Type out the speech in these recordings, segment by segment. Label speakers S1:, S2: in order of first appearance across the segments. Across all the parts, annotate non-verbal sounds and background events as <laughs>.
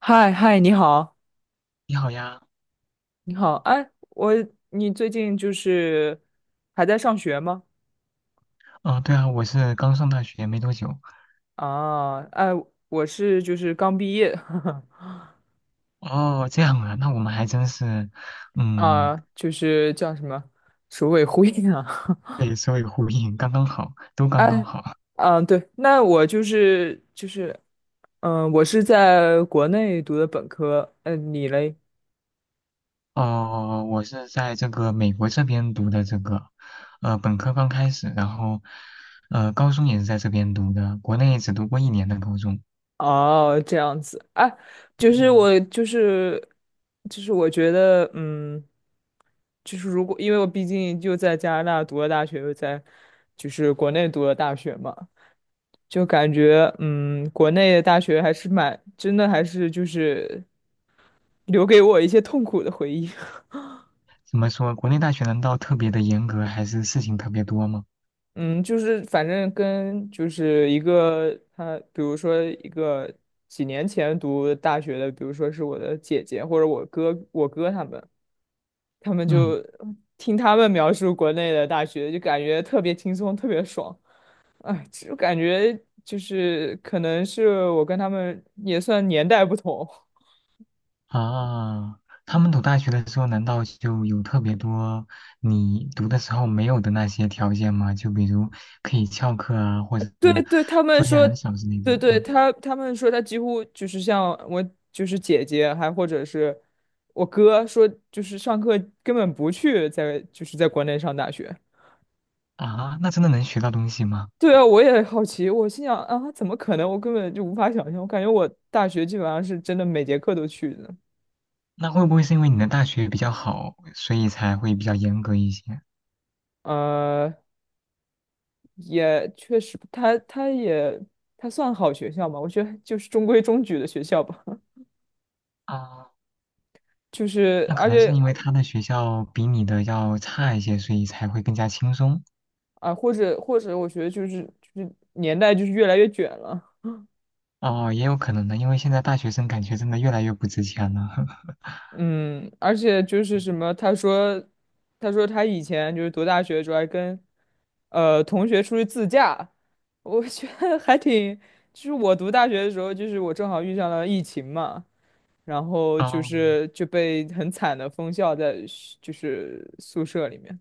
S1: 嗨嗨，你好，
S2: 你好呀。
S1: 你好，哎，你最近就是还在上学吗？
S2: 哦，对啊，我是刚上大学没多久。
S1: 啊，哎，我是就是刚毕业。
S2: 哦，这样啊，那我们还真是，
S1: <laughs>
S2: 嗯，
S1: 啊，就是叫什么组委会啊。
S2: 对，所以呼应，刚刚好，都
S1: <laughs>
S2: 刚刚
S1: 哎，
S2: 好。
S1: 嗯，对，那我就是，嗯、我是在国内读的本科。嗯、你嘞？
S2: 哦，我是在这个美国这边读的这个，本科刚开始，然后，高中也是在这边读的，国内只读过一年的高中。
S1: 哦，这样子啊，就是
S2: 嗯，
S1: 我就是我觉得，嗯，就是如果因为我毕竟就在加拿大读了大学，又在就是国内读了大学嘛，就感觉嗯，国内的大学还是蛮真的，还是就是留给我一些痛苦的回忆。<laughs>
S2: 怎么说，国内大学难道特别的严格，还是事情特别多吗？
S1: 嗯，就是反正跟就是一个他，比如说一个几年前读大学的，比如说是我的姐姐或者我哥他们。他们
S2: 嗯。
S1: 就听他们描述国内的大学，就感觉特别轻松，特别爽。哎，就感觉就是可能是我跟他们也算年代不同。<laughs>
S2: 啊，他们读大学的时候，难道就有特别多你读的时候没有的那些条件吗？就比如可以翘课啊，或者
S1: 对对，他们
S2: 作业
S1: 说，
S2: 很少之类的。
S1: 对对，
S2: 嗯，
S1: 他们说他几乎就是像我就是姐姐，还或者是我哥说，就是上课根本不去在就是在国内上大学。
S2: 啊，那真的能学到东西吗？
S1: 对啊，我也好奇，我心想啊，怎么可能？我根本就无法想象，我感觉我大学基本上是真的每节课都去的。
S2: 那会不会是因为你的大学比较好，所以才会比较严格一些？
S1: 呃，也确实，他算好学校嘛，我觉得就是中规中矩的学校吧。<laughs>
S2: 啊，
S1: 就是
S2: 那
S1: 而
S2: 可能是
S1: 且
S2: 因为他的学校比你的要差一些，所以才会更加轻松。
S1: 啊、或者我觉得就是年代就是越来越卷了。
S2: 哦，也有可能的，因为现在大学生感觉真的越来越不值钱了。<laughs>
S1: 嗯，而且就是什么，他说他以前就是读大学的时候还跟同学出去自驾，<laughs> 我觉得还挺，就是我读大学的时候，就是我正好遇上了疫情嘛。然后就
S2: 哦，
S1: 是就被很惨的封校在学就是宿舍里面。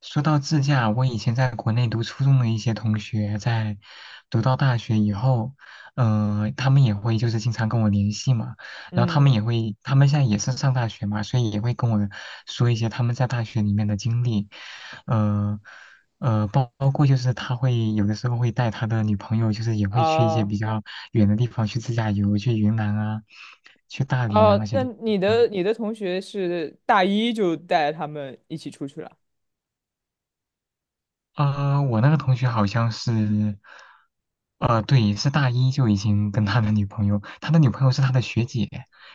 S2: 说到自驾，我以前在国内读初中的一些同学，在读到大学以后，他们也会就是经常跟我联系嘛，然后他
S1: 嗯。
S2: 们也会，他们现在也是上大学嘛，所以也会跟我说一些他们在大学里面的经历，呃包括就是他会有的时候会带他的女朋友，就是也会去一些
S1: 啊
S2: 比较远的地方去自驾游，去云南啊，去大理啊
S1: 啊，
S2: 那些
S1: 那
S2: 地
S1: 你
S2: 方。嗯。
S1: 的你的同学是大一就带他们一起出去了。
S2: 啊、我那个同学好像是，呃，对，是大一就已经跟他的女朋友，他的女朋友是他的学姐，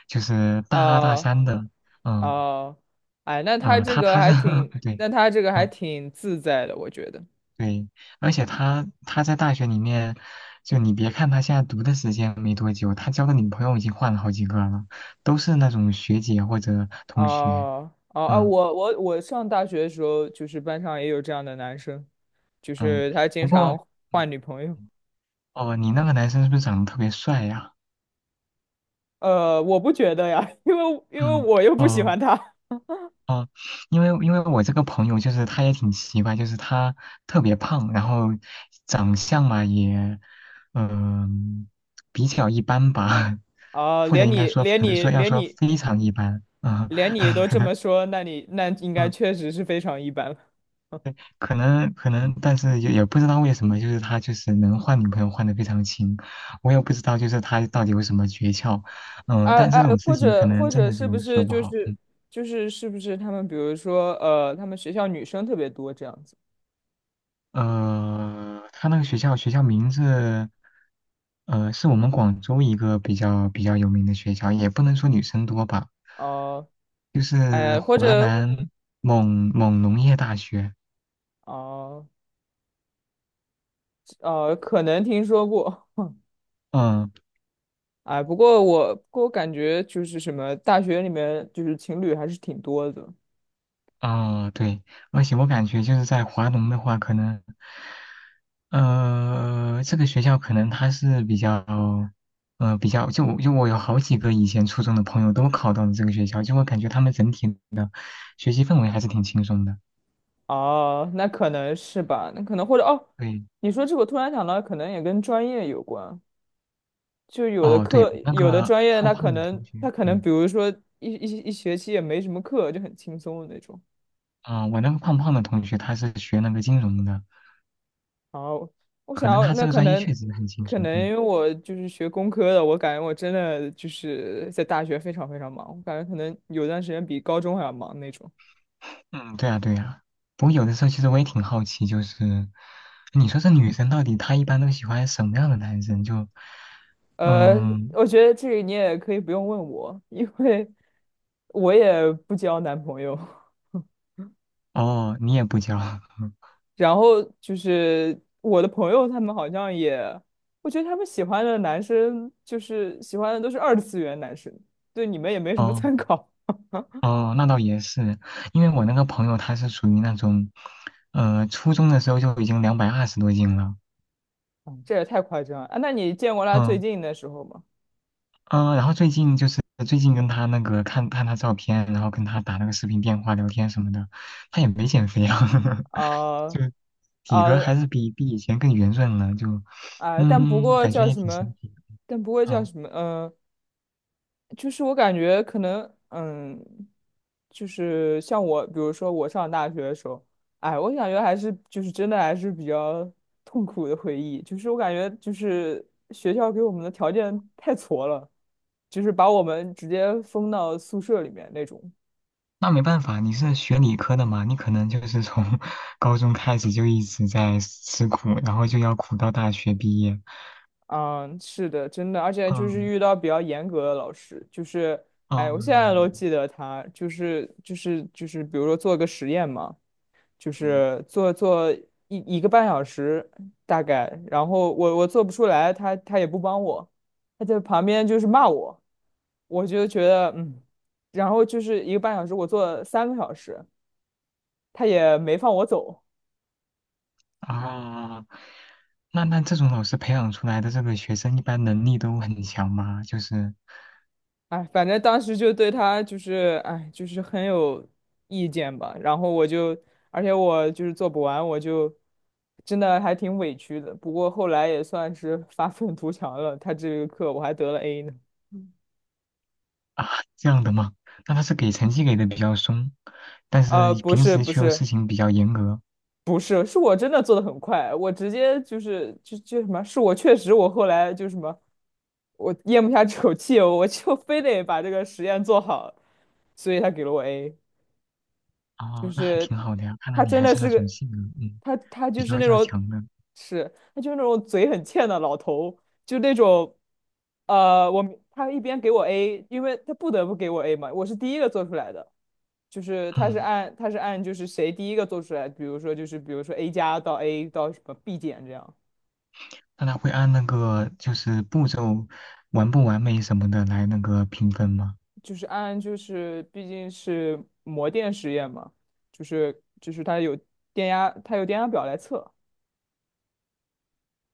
S2: 就是大二大
S1: 啊
S2: 三的。嗯。
S1: 啊，哎，那他
S2: 呃，
S1: 这
S2: 他
S1: 个
S2: 他是
S1: 还挺，
S2: <laughs> 对。
S1: 那他这个还
S2: 嗯。
S1: 挺自在的，我觉得。
S2: 对，而且他在大学里面，就你别看他现在读的时间没多久，他交的女朋友已经换了好几个了，都是那种学姐或者
S1: 啊
S2: 同学。
S1: 啊啊！
S2: 嗯。
S1: 我上大学的时候，就是班上也有这样的男生，就
S2: 嗯，
S1: 是他经
S2: 不过，
S1: 常换女朋友。
S2: 哦、你那个男生是不是长得特别帅呀？
S1: 我不觉得呀，因为
S2: 嗯。
S1: 我又不喜
S2: 哦。
S1: 欢他。
S2: 啊，因为我这个朋友就是他也挺奇怪，就是他特别胖，然后长相嘛也，嗯、比较一般吧，<laughs>
S1: 啊、
S2: 或者
S1: 连
S2: 应该
S1: 你
S2: 说
S1: 连
S2: 可能
S1: 你
S2: 说要
S1: 连
S2: 说
S1: 你
S2: 非常一般，嗯。
S1: 连你都
S2: <laughs> 可
S1: 这
S2: 能。
S1: 么说，那你那应该
S2: 嗯。
S1: 确实是非常一般了。
S2: 可能，但是也不知道为什么，就是他就是能换女朋友换的非常勤，我也不知道就是他到底有什么诀窍，嗯、
S1: 哎
S2: 但这
S1: 哎，
S2: 种事
S1: 或
S2: 情可
S1: 者或
S2: 能真
S1: 者
S2: 的
S1: 是不
S2: 就说
S1: 是
S2: 不好，嗯。
S1: 他们比如说他们学校女生特别多这样子？
S2: 呃，他那个学校名字，呃，是我们广州一个比较有名的学校，也不能说女生多吧，
S1: 哦、
S2: 就是
S1: 哎，或
S2: 华
S1: 者
S2: 南某某农业大学。
S1: 哦可能听说过。
S2: 嗯。
S1: 哎，不过我感觉就是什么大学里面就是情侣还是挺多的。
S2: 哦，对，而且我感觉就是在华农的话，可能，呃，这个学校可能它是比较，呃，比较就我有好几个以前初中的朋友都考到了这个学校，就我感觉他们整体学习氛围还是挺轻松的。
S1: 哦，那可能是吧，那可能或者哦，
S2: 对。
S1: 你说这个我突然想到，可能也跟专业有关。就有的
S2: 哦，对，
S1: 课，
S2: 我那
S1: 有的
S2: 个
S1: 专业，
S2: 胖
S1: 他可
S2: 胖的
S1: 能
S2: 同
S1: 他
S2: 学，
S1: 可能，
S2: 对。
S1: 比如说一学期也没什么课，就很轻松的那种。
S2: 嗯、我那个胖胖的同学他是学那个金融的，
S1: 然后我
S2: 可
S1: 想
S2: 能
S1: 要
S2: 他
S1: 那
S2: 这个
S1: 可
S2: 专业确
S1: 能
S2: 实很轻
S1: 可
S2: 松，
S1: 能
S2: 嗯。
S1: 因为我就是学工科的，我感觉我真的就是在大学非常非常忙，我感觉可能有段时间比高中还要忙那种。
S2: 嗯，对啊对啊。不过有的时候其实我也挺好奇，就是你说这女生到底她一般都喜欢什么样的男生？就，
S1: 呃，
S2: 嗯，
S1: 我觉得这个你也可以不用问我，因为我也不交男朋友。<laughs>
S2: 哦，你也不教。<laughs>
S1: 然后就是我的朋友他们好像也，我觉得他们喜欢的男生就是喜欢的都是二次元男生，对你们也没什么
S2: 哦。
S1: 参考。
S2: 哦，那倒也是，因为我那个朋友他是属于那种，呃，初中的时候就已经两百二十多斤了。
S1: 嗯。 <laughs> 这也太夸张了啊！那你见过他最
S2: 嗯。
S1: 近的时候吗？
S2: 嗯、然后最近就是最近跟他那个看看他照片，然后跟他打那个视频电话聊天什么的，他也没减肥啊，<laughs> 就
S1: 啊
S2: 体格
S1: 啊
S2: 还是比以前更圆润了，就
S1: 啊！
S2: 嗯，感觉也挺神奇的。
S1: 但不过叫
S2: 嗯，
S1: 什么？嗯、就是我感觉可能，嗯，就是像我，比如说我上大学的时候，哎，我感觉还是就是真的还是比较 <laughs> 痛苦的回忆。就是我感觉就是学校给我们的条件太挫了，就是把我们直接封到宿舍里面那种。
S2: 那没办法，你是学理科的嘛，你可能就是从 <laughs> 高中开始就一直在吃苦，然后就要苦到大学毕业。
S1: 嗯，是的，真的，而且就是
S2: 嗯。
S1: 遇到比较严格的老师，就是，哎，我现在都
S2: 嗯。
S1: 记得他，就是，比如说做个实验嘛。就
S2: 嗯，
S1: 是做一个半小时大概，然后我做不出来，他也不帮我，他在旁边就是骂我，我就觉得嗯，然后就是一个半小时，我做了3个小时，他也没放我走，
S2: 啊，那这种老师培养出来的这个学生，一般能力都很强吗？就是
S1: 哎，反正当时就对他就是哎就是很有意见吧，然后而且我就是做不完，我就。真的还挺委屈的，不过后来也算是发愤图强了。他这个课我还得了 A 呢。
S2: 啊，这样的吗？那他是给成绩给的比较松，但是
S1: 不
S2: 平
S1: 是
S2: 时
S1: 不
S2: 却又事
S1: 是
S2: 情比较严格。
S1: 不是，是我真的做的很快，我直接就什么，是我确实我后来就什么，我咽不下 <laughs> 这口气，我就非得把这个实验做好，所以他给了我 A。
S2: 哦，那还挺好的呀，看来
S1: 他
S2: 你
S1: 真
S2: 还
S1: 的
S2: 是那
S1: 是
S2: 种
S1: 个，
S2: 性格，嗯，
S1: 他
S2: 比
S1: 就是
S2: 较
S1: 那
S2: 要
S1: 种，
S2: 强的。
S1: 是他就是那种嘴很欠的老头，就那种，我明他一边给我 A，因为他不得不给我 A 嘛，我是第一个做出来的，就是他是
S2: 嗯，
S1: 按他是按就是谁第一个做出来，比如说 A 加到 A 到什么 B 减这样，
S2: 那他会按那个就是步骤完不完美什么的来那个评分吗？
S1: 就是按就是毕竟是模电实验嘛，就是他有电压，他有电压表来测。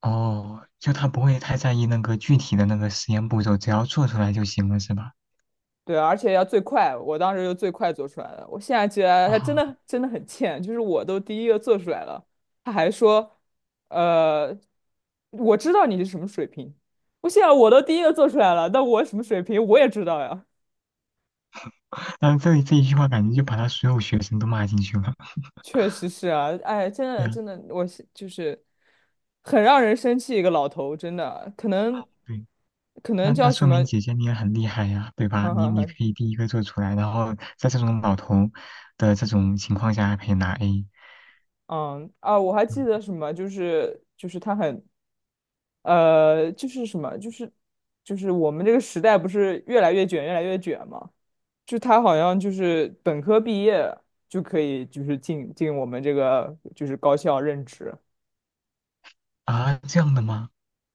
S2: 哦，就他不会太在意那个具体的那个实验步骤，只要做出来就行了，是吧？
S1: 对啊，而且要最快，我当时就最快做出来了。我现在觉得他真
S2: 啊、
S1: 的真的很欠，就是我都第一个做出来了，他还说，呃，我知道你是什么水平。我现在我都第一个做出来了，那我什么水平我也知道呀。
S2: 但后这里这一句话感觉就把他所有学生都骂进去了。
S1: 确实是啊，哎，真
S2: 对
S1: 的
S2: 啊，
S1: 真的，我是就是很让人生气一个老头，真的，可能
S2: 对，
S1: 可
S2: 那
S1: 能
S2: 那
S1: 叫什
S2: 说明
S1: 么，<laughs>
S2: 姐姐你也很厉害呀，对吧？你可
S1: 嗯
S2: 以第一个做出来，然后在这种老头的这种情况下还可以拿 A。
S1: 嗯啊，我还记
S2: 嗯。
S1: 得什么，就是他很就是什么，就是我们这个时代不是越来越卷，越来越卷嘛？就他好像就是本科毕业就可以，就是进我们这个就是高校任职。
S2: 啊，这样的吗？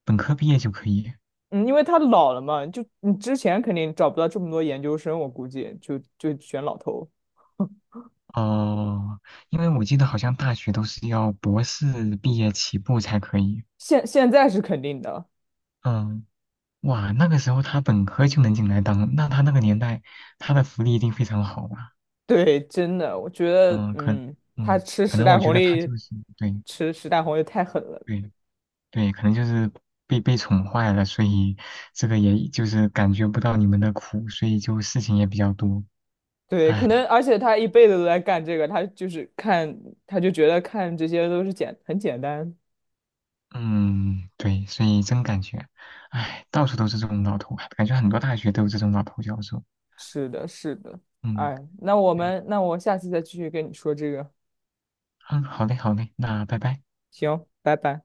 S2: 本科毕业就可以？
S1: 嗯，因为他老了嘛，就你之前肯定找不到这么多研究生，我估计就选老头。
S2: 哦，因为我记得好像大学都是要博士毕业起步才可以。
S1: 现在是肯定的，
S2: 嗯，哇，那个时候他本科就能进来当，那他那个年代他的福利一定非常好吧？
S1: 对，真的，我觉得，
S2: 嗯，可，
S1: 嗯，他
S2: 嗯，
S1: 吃
S2: 可
S1: 时
S2: 能
S1: 代
S2: 我觉
S1: 红
S2: 得他
S1: 利，
S2: 就是对
S1: 吃时代红利太狠了。
S2: 对对，可能就是被宠坏了，所以这个也就是感觉不到你们的苦，所以就事情也比较多。
S1: 对，可
S2: 唉，
S1: 能而且他一辈子都在干这个，他就是看，他就觉得看这些都是简单。
S2: 嗯，对，所以真感觉，唉，到处都是这种老头，感觉很多大学都有这种老头教授。
S1: 是的，是的。
S2: 嗯，
S1: 哎，那我
S2: 对，
S1: 们那我下次再继续跟你说这个。
S2: 嗯，好嘞，好嘞，那拜拜。
S1: 行，拜拜。